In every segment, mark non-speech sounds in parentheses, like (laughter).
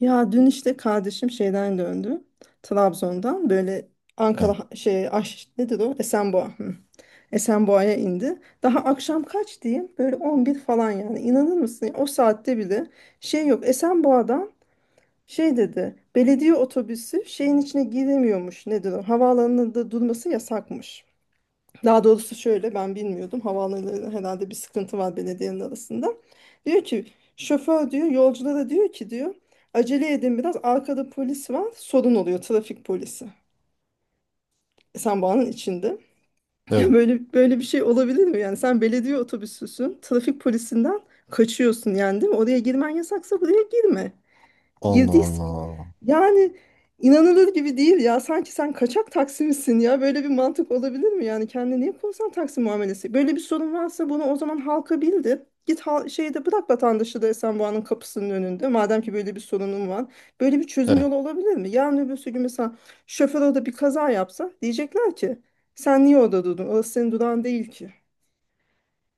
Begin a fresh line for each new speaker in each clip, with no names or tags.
Ya dün işte kardeşim şeyden döndü. Trabzon'dan böyle Ankara
Evet,
şey Aş, nedir o? Esenboğa. Hı. Esenboğa'ya indi. Daha akşam kaç diyeyim? Böyle 11 falan yani. İnanır mısın? O saatte bile şey yok. Esenboğa'dan şey dedi. Belediye otobüsü şeyin içine giremiyormuş. Nedir o? Havaalanında durması yasakmış. Daha doğrusu şöyle ben bilmiyordum. Havaalanlarında herhalde bir sıkıntı var belediyenin arasında. Diyor ki şoför diyor yolculara diyor ki diyor acele edin, biraz arkada polis var, sorun oluyor, trafik polisi. E sen bağının içinde. (laughs)
evet.
Böyle böyle bir şey olabilir mi? Yani sen belediye otobüsüsün, trafik polisinden kaçıyorsun yani değil mi? Oraya girmen yasaksa buraya girme.
Allah
Girdiysen
Allah.
yani inanılır gibi değil ya. Sanki sen kaçak Taksim'sin ya. Böyle bir mantık olabilir mi? Yani kendine niye korsan Taksim muamelesi? Böyle bir sorun varsa bunu o zaman halka bildir. Git hal şeyde bırak vatandaşı da Esenboğa'nın kapısının önünde. Madem ki böyle bir sorunun var. Böyle bir çözüm
Evet,
yolu olabilir mi? Yarın öbürsü gün mesela şoför orada bir kaza yapsa diyecekler ki sen niye orada durdun? Orası senin durağın değil ki.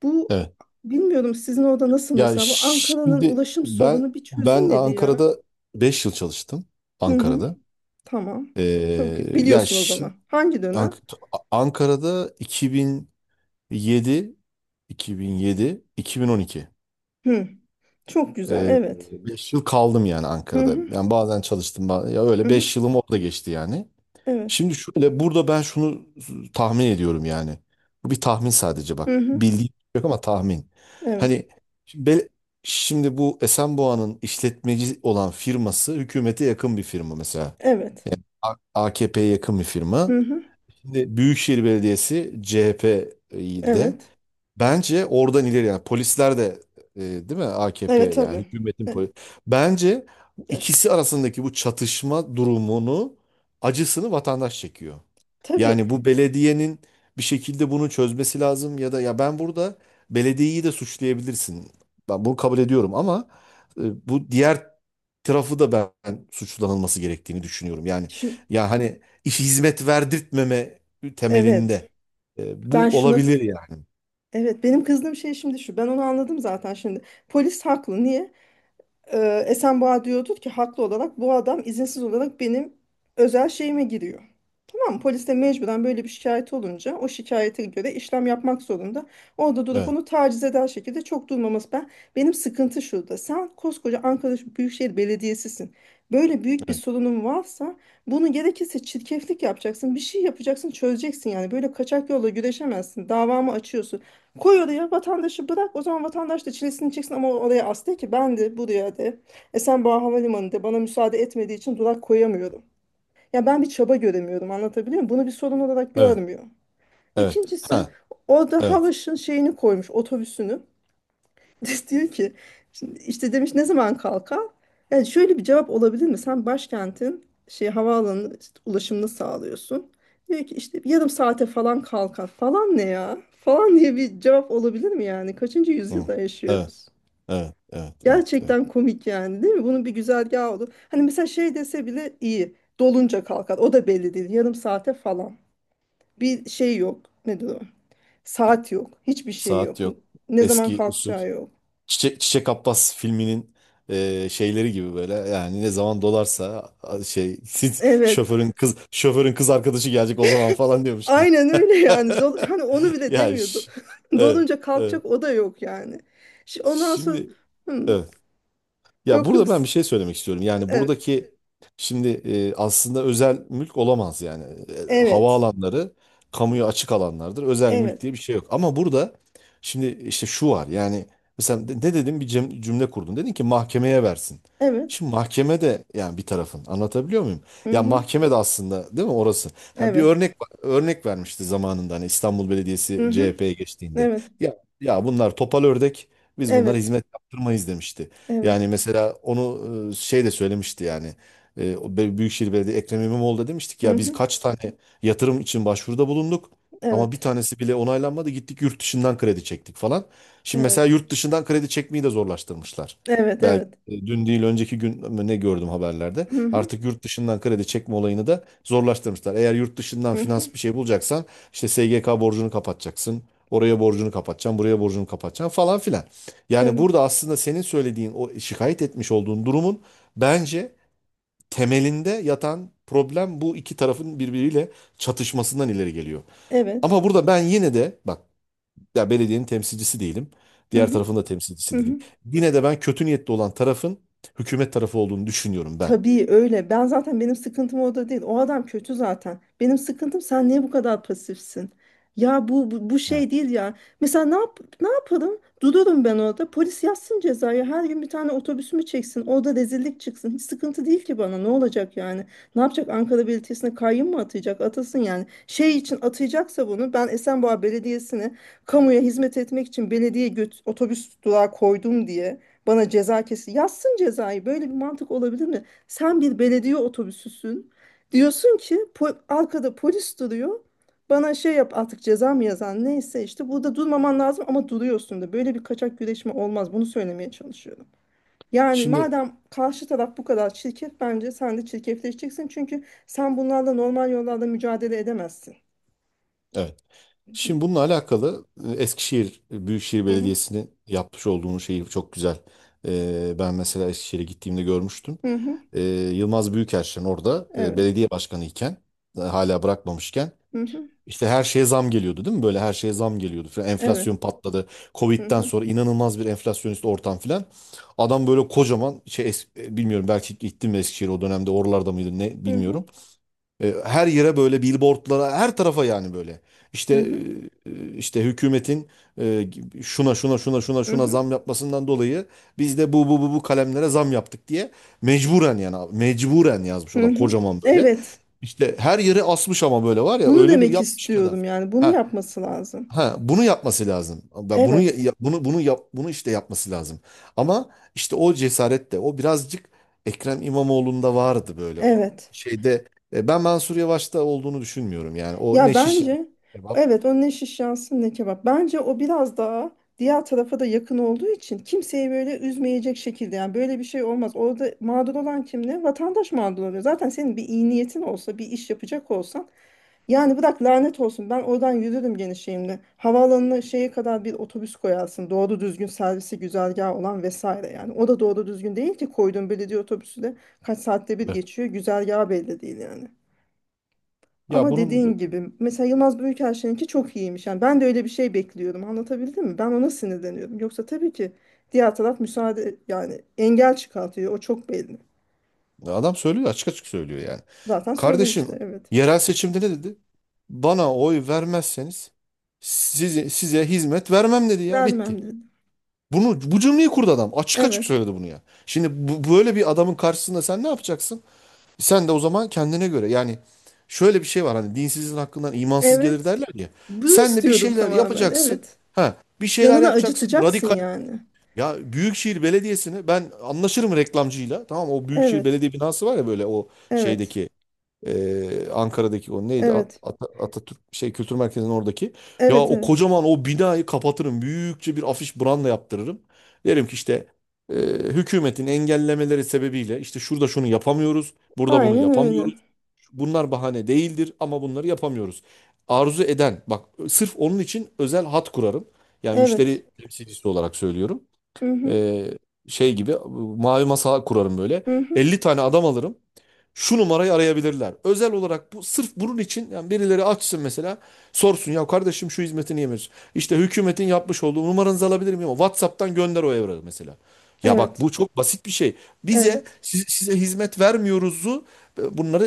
Bu
evet.
bilmiyorum, sizin orada nasıl
Ya
mesela, bu Ankara'nın
şimdi
ulaşım
ben
sorunu bir
ben
çözülmedi ya.
Ankara'da 5 yıl çalıştım.
Hı hı.
Ankara'da.
Tamam. Çok
Ee, ya
biliyorsun o
şi-
zaman. Hangi dönem?
Ank- Ankara'da 2007 2012
Hı. Çok güzel. Evet.
5 yıl kaldım yani
Hı
Ankara'da.
hı.
Yani bazen çalıştım. Ya
Hı
öyle
hı.
5 yılım orada geçti yani.
Evet.
Şimdi şöyle burada ben şunu tahmin ediyorum yani. Bu bir tahmin sadece bak.
Hı hı.
Bildiğim yok ama tahmin.
Evet.
Hani şimdi, bel- şimdi bu Esenboğa'nın işletmeci olan firması hükümete yakın bir firma mesela.
Evet.
A- AKP'ye yakın bir firma.
Hı hı.
Şimdi Büyükşehir Belediyesi CHP'de.
Evet.
Bence oradan ileri yani polisler de değil mi AKP
Evet
yani
tabii.
hükümetin
E,
polis. Bence bu
ya şu,
ikisi arasındaki bu çatışma durumunu acısını vatandaş çekiyor.
tabii.
Yani bu belediyenin bir şekilde bunu çözmesi lazım ya da ya ben burada belediyeyi de suçlayabilirsin. Ben bunu kabul ediyorum ama bu diğer tarafı da ben suçlanılması gerektiğini düşünüyorum. Yani
Şu,
ya hani iş hizmet verdirtmeme
evet.
temelinde
Ben
bu
şuna
olabilir yani.
evet, benim kızdığım şey şimdi şu. Ben onu anladım zaten şimdi. Polis haklı. Niye? Esenboğa diyordur ki haklı olarak bu adam izinsiz olarak benim özel şeyime giriyor. Tamam mı? Polis de mecburen böyle bir şikayet olunca o şikayete göre işlem yapmak zorunda. Orada durup
Evet.
onu taciz eder şekilde çok durmaması ben. Benim sıkıntı şurada. Sen koskoca Ankara Büyükşehir Belediyesi'sin. Böyle büyük bir
Evet,
sorunun varsa bunu gerekirse çirkeflik yapacaksın. Bir şey yapacaksın, çözeceksin yani. Böyle kaçak yolla güreşemezsin. Davamı açıyorsun. Koy oraya vatandaşı, bırak. O zaman vatandaş da çilesini çeksin, ama oraya as de ki ben de buraya de. Esenboğa Havalimanı'nda bana müsaade etmediği için durak koyamıyorum. Ya ben bir çaba göremiyorum, anlatabiliyor muyum? Bunu bir sorun olarak
evet.
görmüyor.
Evet.
İkincisi,
Ha,
orada
evet.
Havaş'ın şeyini koymuş, otobüsünü. (laughs) Diyor ki şimdi işte demiş ne zaman kalkar? Yani şöyle bir cevap olabilir mi? Sen başkentin şey havaalanının işte ulaşımını sağlıyorsun. Diyor ki işte yarım saate falan kalkar falan ne ya? Falan diye bir cevap olabilir mi yani? Kaçıncı
Hı.
yüzyılda
Evet,
yaşıyoruz?
evet, evet, evet, evet.
Gerçekten komik yani değil mi? Bunun bir güzergahı olur. Hani mesela şey dese bile iyi. Dolunca kalkar. O da belli değil. Yarım saate falan. Bir şey yok. Nedir o? Saat yok. Hiçbir şey yok.
Saat yok.
Ne zaman
Eski usul.
kalkacağı yok.
Çiçek Abbas filminin şeyleri gibi böyle. Yani ne zaman dolarsa şey (laughs)
Evet.
şoförün kız arkadaşı gelecek o zaman falan diyormuş.
Aynen öyle yani. Dol, hani onu
(laughs)
bile
Ya
demiyordu.
iş.
(laughs)
Evet,
Dolunca kalkacak,
evet.
o da yok yani. Ondan sonra
Şimdi
hmm,
evet. Ya
yok yok.
burada ben bir şey söylemek istiyorum. Yani
Evet.
buradaki şimdi aslında özel mülk olamaz yani. E,
Evet.
havaalanları kamuya açık alanlardır. Özel mülk
Evet.
diye bir şey yok. Ama burada şimdi işte şu var. Yani mesela ne dedim bir cümle kurdun. Dedin ki mahkemeye versin.
Evet.
Şimdi mahkeme de yani bir tarafın anlatabiliyor muyum?
Hı
Ya
hı.
mahkeme de aslında değil mi orası? Ha, bir
Evet.
örnek vermişti zamanında hani İstanbul Belediyesi
Hı hı.
CHP'ye geçtiğinde.
Evet.
Ya bunlar topal ördek biz bunlara
Evet.
hizmet yaptırmayız demişti.
Evet.
Yani mesela onu şey de söylemişti yani. O Büyükşehir Belediye Ekrem İmamoğlu da demiştik
Hı
ya biz
hı.
kaç tane yatırım için başvuruda bulunduk ama bir
Evet.
tanesi bile onaylanmadı. Gittik yurt dışından kredi çektik falan. Şimdi mesela
Evet.
yurt dışından kredi çekmeyi de zorlaştırmışlar.
Evet,
Ben
evet.
dün değil önceki gün mü ne gördüm haberlerde.
Hı hı.
Artık yurt dışından kredi çekme olayını da zorlaştırmışlar. Eğer yurt dışından
Hı hı.
finans bir şey bulacaksan işte SGK borcunu kapatacaksın. Oraya borcunu kapatacaksın, buraya borcunu kapatacaksın falan filan. Yani
Evet.
burada aslında senin söylediğin o şikayet etmiş olduğun durumun bence temelinde yatan problem bu iki tarafın birbiriyle çatışmasından ileri geliyor.
Evet.
Ama burada ben yine de bak ya belediyenin temsilcisi değilim.
Hı
Diğer
hı.
tarafın da
Hı
temsilcisi değilim.
hı.
Yine de ben kötü niyetli olan tarafın hükümet tarafı olduğunu düşünüyorum ben.
Tabii öyle. Ben zaten, benim sıkıntım o da değil. O adam kötü zaten. Benim sıkıntım sen niye bu kadar pasifsin? Ya bu
Evet.
şey değil ya. Mesela ne yap, ne yaparım? Dururum ben orada. Polis yazsın cezayı. Her gün bir tane otobüsümü çeksin. Orada rezillik çıksın. Hiç sıkıntı değil ki bana. Ne olacak yani? Ne yapacak? Ankara Belediyesi'ne kayyum mu atayacak? Atasın yani. Şey için atayacaksa bunu, ben Esenboğa Belediyesi'ne kamuya hizmet etmek için belediye göt otobüs durağı koydum diye bana ceza kesin. Yazsın cezayı. Böyle bir mantık olabilir mi? Sen bir belediye otobüsüsün. Diyorsun ki arkada polis duruyor. Bana şey yap artık, ceza mı yazan neyse işte, burada durmaman lazım ama duruyorsun da, böyle bir kaçak güreşme olmaz, bunu söylemeye çalışıyorum. Yani
Şimdi
madem karşı taraf bu kadar çirkef, bence sen de çirkefleşeceksin, çünkü sen bunlarla normal yollarda mücadele edemezsin.
evet. Şimdi
Di-
bununla alakalı Eskişehir Büyükşehir
Hı hı,
Belediyesi'nin yapmış olduğunu şeyi çok güzel. Ben mesela Eskişehir'e gittiğimde görmüştüm.
hı hı,
e, Yılmaz Büyükerşen orada
evet,
belediye başkanı iken hala bırakmamışken
hı hı,
işte her şeye zam geliyordu değil mi? Böyle her şeye zam geliyordu. Falan.
evet,
Enflasyon patladı.
hı
Covid'den
hı,
sonra inanılmaz bir enflasyonist ortam filan. Adam böyle kocaman şey bilmiyorum belki gittim mi Eskişehir o dönemde oralarda mıydı ne
hı hı,
bilmiyorum. Her yere böyle billboardlara, her tarafa yani böyle. İşte
hı hı,
e, e, işte hükümetin e, şuna şuna şuna şuna
hı
şuna
hı,
zam yapmasından dolayı biz de bu kalemlere zam yaptık diye mecburen yani abi, mecburen yazmış
hı
adam
hı.
kocaman böyle.
Evet,
İşte her yere asmış ama böyle var ya
bunu
öyle bir
demek
yapmış ki adam.
istiyorum yani, bunu
Ha,
yapması lazım.
ha, bunu yapması lazım. Ve Bunu ya-
Evet,
ya- bunu bunu yap bunu işte yapması lazım. Ama işte o cesaret de o birazcık Ekrem İmamoğlu'nda vardı böyle o
evet.
şeyde. Ben Mansur Yavaş'ta olduğunu düşünmüyorum yani. O
Ya
ne şiş
bence
kebap.
evet, o ne şiş yansın ne kebap. Bence o biraz daha diğer tarafa da yakın olduğu için kimseyi böyle üzmeyecek şekilde, yani böyle bir şey olmaz. Orada mağdur olan kim ne? Vatandaş mağdur oluyor. Zaten senin bir iyi niyetin olsa, bir iş yapacak olsan, yani bırak lanet olsun, ben oradan yürürüm gene şeyimle. Havaalanına şeye kadar bir otobüs koyarsın. Doğru düzgün servisi, güzergahı olan vesaire yani. O da doğru düzgün değil ki, koyduğun belediye otobüsü de kaç saatte bir geçiyor. Güzergahı belli değil yani.
Ya
Ama
bunun
dediğin gibi mesela Yılmaz Büyükelçin'inki çok iyiymiş. Yani ben de öyle bir şey bekliyorum, anlatabildim mi? Ben ona sinirleniyorum. Yoksa tabii ki diğer taraf müsaade, yani engel çıkartıyor. O çok belli.
adam söylüyor açık açık söylüyor yani.
Zaten söylemişti,
Kardeşim
evet.
yerel seçimde ne dedi? Bana oy vermezseniz size hizmet vermem dedi ya bitti.
Vermem dedi.
Bunu bu cümleyi kurdu adam. Açık açık
Evet.
söyledi bunu ya. Şimdi bu, böyle bir adamın karşısında sen ne yapacaksın? Sen de o zaman kendine göre yani şöyle bir şey var hani dinsizin hakkından imansız gelir
Evet.
derler ya.
Bunu
Sen de bir
istiyordum
şeyler
tamamen.
yapacaksın.
Evet.
Ha, bir şeyler
Canını
yapacaksın.
acıtacaksın
Radikal.
yani.
Ya Büyükşehir Belediyesi'ni ben anlaşırım reklamcıyla. Tamam o Büyükşehir
Evet.
Belediye binası var ya böyle o
Evet.
şeydeki Ankara'daki o neydi
Evet.
Atatürk şey Kültür Merkezi'nin oradaki. Ya
Evet.
o
Evet.
kocaman o binayı kapatırım. Büyükçe bir afiş branda yaptırırım. Derim ki işte e, hükümetin engellemeleri sebebiyle işte şurada şunu yapamıyoruz, burada bunu
Aynen öyle.
yapamıyoruz. Bunlar bahane değildir ama bunları yapamıyoruz. Arzu eden bak sırf onun için özel hat kurarım. Yani
Evet.
müşteri temsilcisi olarak söylüyorum.
Hı hı.
Ee, şey gibi mavi masa kurarım böyle.
Hı hı.
50 tane adam alırım şu numarayı arayabilirler. Özel olarak bu sırf bunun için yani birileri açsın mesela sorsun ya kardeşim şu hizmeti niye veriyorsun? İşte hükümetin yapmış olduğu numaranızı alabilir miyim? WhatsApp'tan gönder o evrağı mesela. Ya bak
Evet.
bu çok basit bir şey. Bize
Evet.
size hizmet vermiyoruzu. Bunları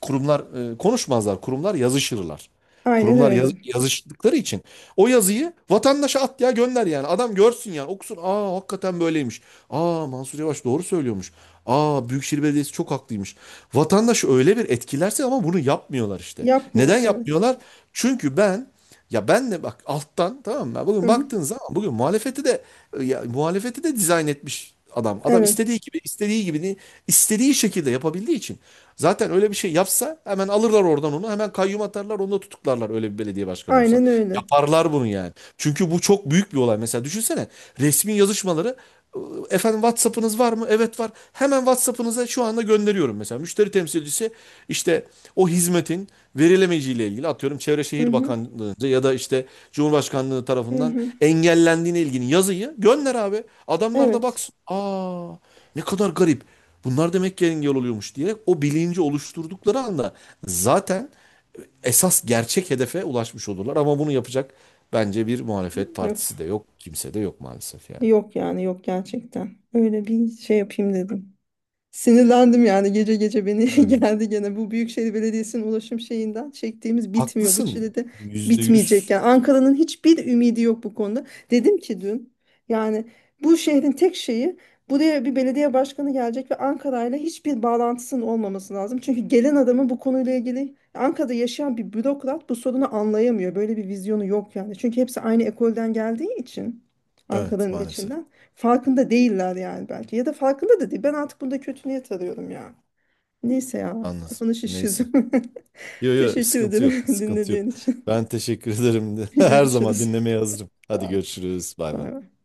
kurumlar konuşmazlar, kurumlar yazışırlar.
Aynen
Kurumlar
öyle.
yazıştıkları için o yazıyı vatandaşa at ya gönder yani. Adam görsün yani okusun. Aa hakikaten böyleymiş. Aa Mansur Yavaş doğru söylüyormuş. Aa Büyükşehir Belediyesi çok haklıymış. Vatandaşı öyle bir etkilerse ama bunu yapmıyorlar işte.
Yapmıyor.
Neden
Evet.
yapmıyorlar? Çünkü ben de bak alttan tamam mı?
Hı
Bugün
hı.
baktığın zaman bugün muhalefeti de dizayn etmiş adam. Adam
Evet.
istediği gibi istediği şekilde yapabildiği için zaten öyle bir şey yapsa hemen alırlar oradan onu hemen kayyum atarlar onu da tutuklarlar öyle bir belediye başkanı olsa.
Aynen öyle.
Yaparlar bunu yani. Çünkü bu çok büyük bir olay. Mesela düşünsene resmi yazışmaları. Efendim WhatsApp'ınız var mı? Evet var. Hemen WhatsApp'ınıza şu anda gönderiyorum mesela. Müşteri temsilcisi işte o hizmetin verilemeyeceğiyle ilgili atıyorum Çevre
Hı
Şehir
hı,
Bakanlığı'nca ya da işte Cumhurbaşkanlığı
hı
tarafından
hı.
engellendiğine ilgili yazıyı gönder abi. Adamlar da
Evet.
baksın. Aa ne kadar garip. Bunlar demek ki engel oluyormuş diyerek o bilinci oluşturdukları anda zaten esas gerçek hedefe ulaşmış olurlar. Ama bunu yapacak bence bir muhalefet
Yok.
partisi de yok. Kimse de yok maalesef yani.
Yok yani, yok gerçekten. Öyle bir şey yapayım dedim. Sinirlendim yani, gece gece beni (laughs)
Evet.
geldi gene, bu Büyükşehir Belediyesi'nin ulaşım şeyinden çektiğimiz bitmiyor, bu
Haklısın.
çilede
Yüzde
bitmeyecek
yüz.
yani. Ankara'nın hiçbir ümidi yok bu konuda. Dedim ki dün, yani bu şehrin tek şeyi, buraya bir belediye başkanı gelecek ve Ankara'yla hiçbir bağlantısının olmaması lazım, çünkü gelen adamın bu konuyla ilgili, Ankara'da yaşayan bir bürokrat bu sorunu anlayamıyor, böyle bir vizyonu yok yani, çünkü hepsi aynı ekolden geldiği için
Evet
Ankara'nın
maalesef.
içinden. Farkında değiller yani belki. Ya da farkında da değil. Ben artık bunda kötü niyet arıyorum ya. Neyse ya.
Anladım.
Kafanı
Neyse.
şişirdim. (laughs)
Yo, yo,
Teşekkür
sıkıntı yok.
ederim (laughs)
Sıkıntı yok.
dinlediğin için.
Ben teşekkür ederim.
(laughs)
(laughs) Her zaman
Görüşürüz.
dinlemeye hazırım. Hadi
Sağ ol.
görüşürüz. Bay bay.
Bay bay.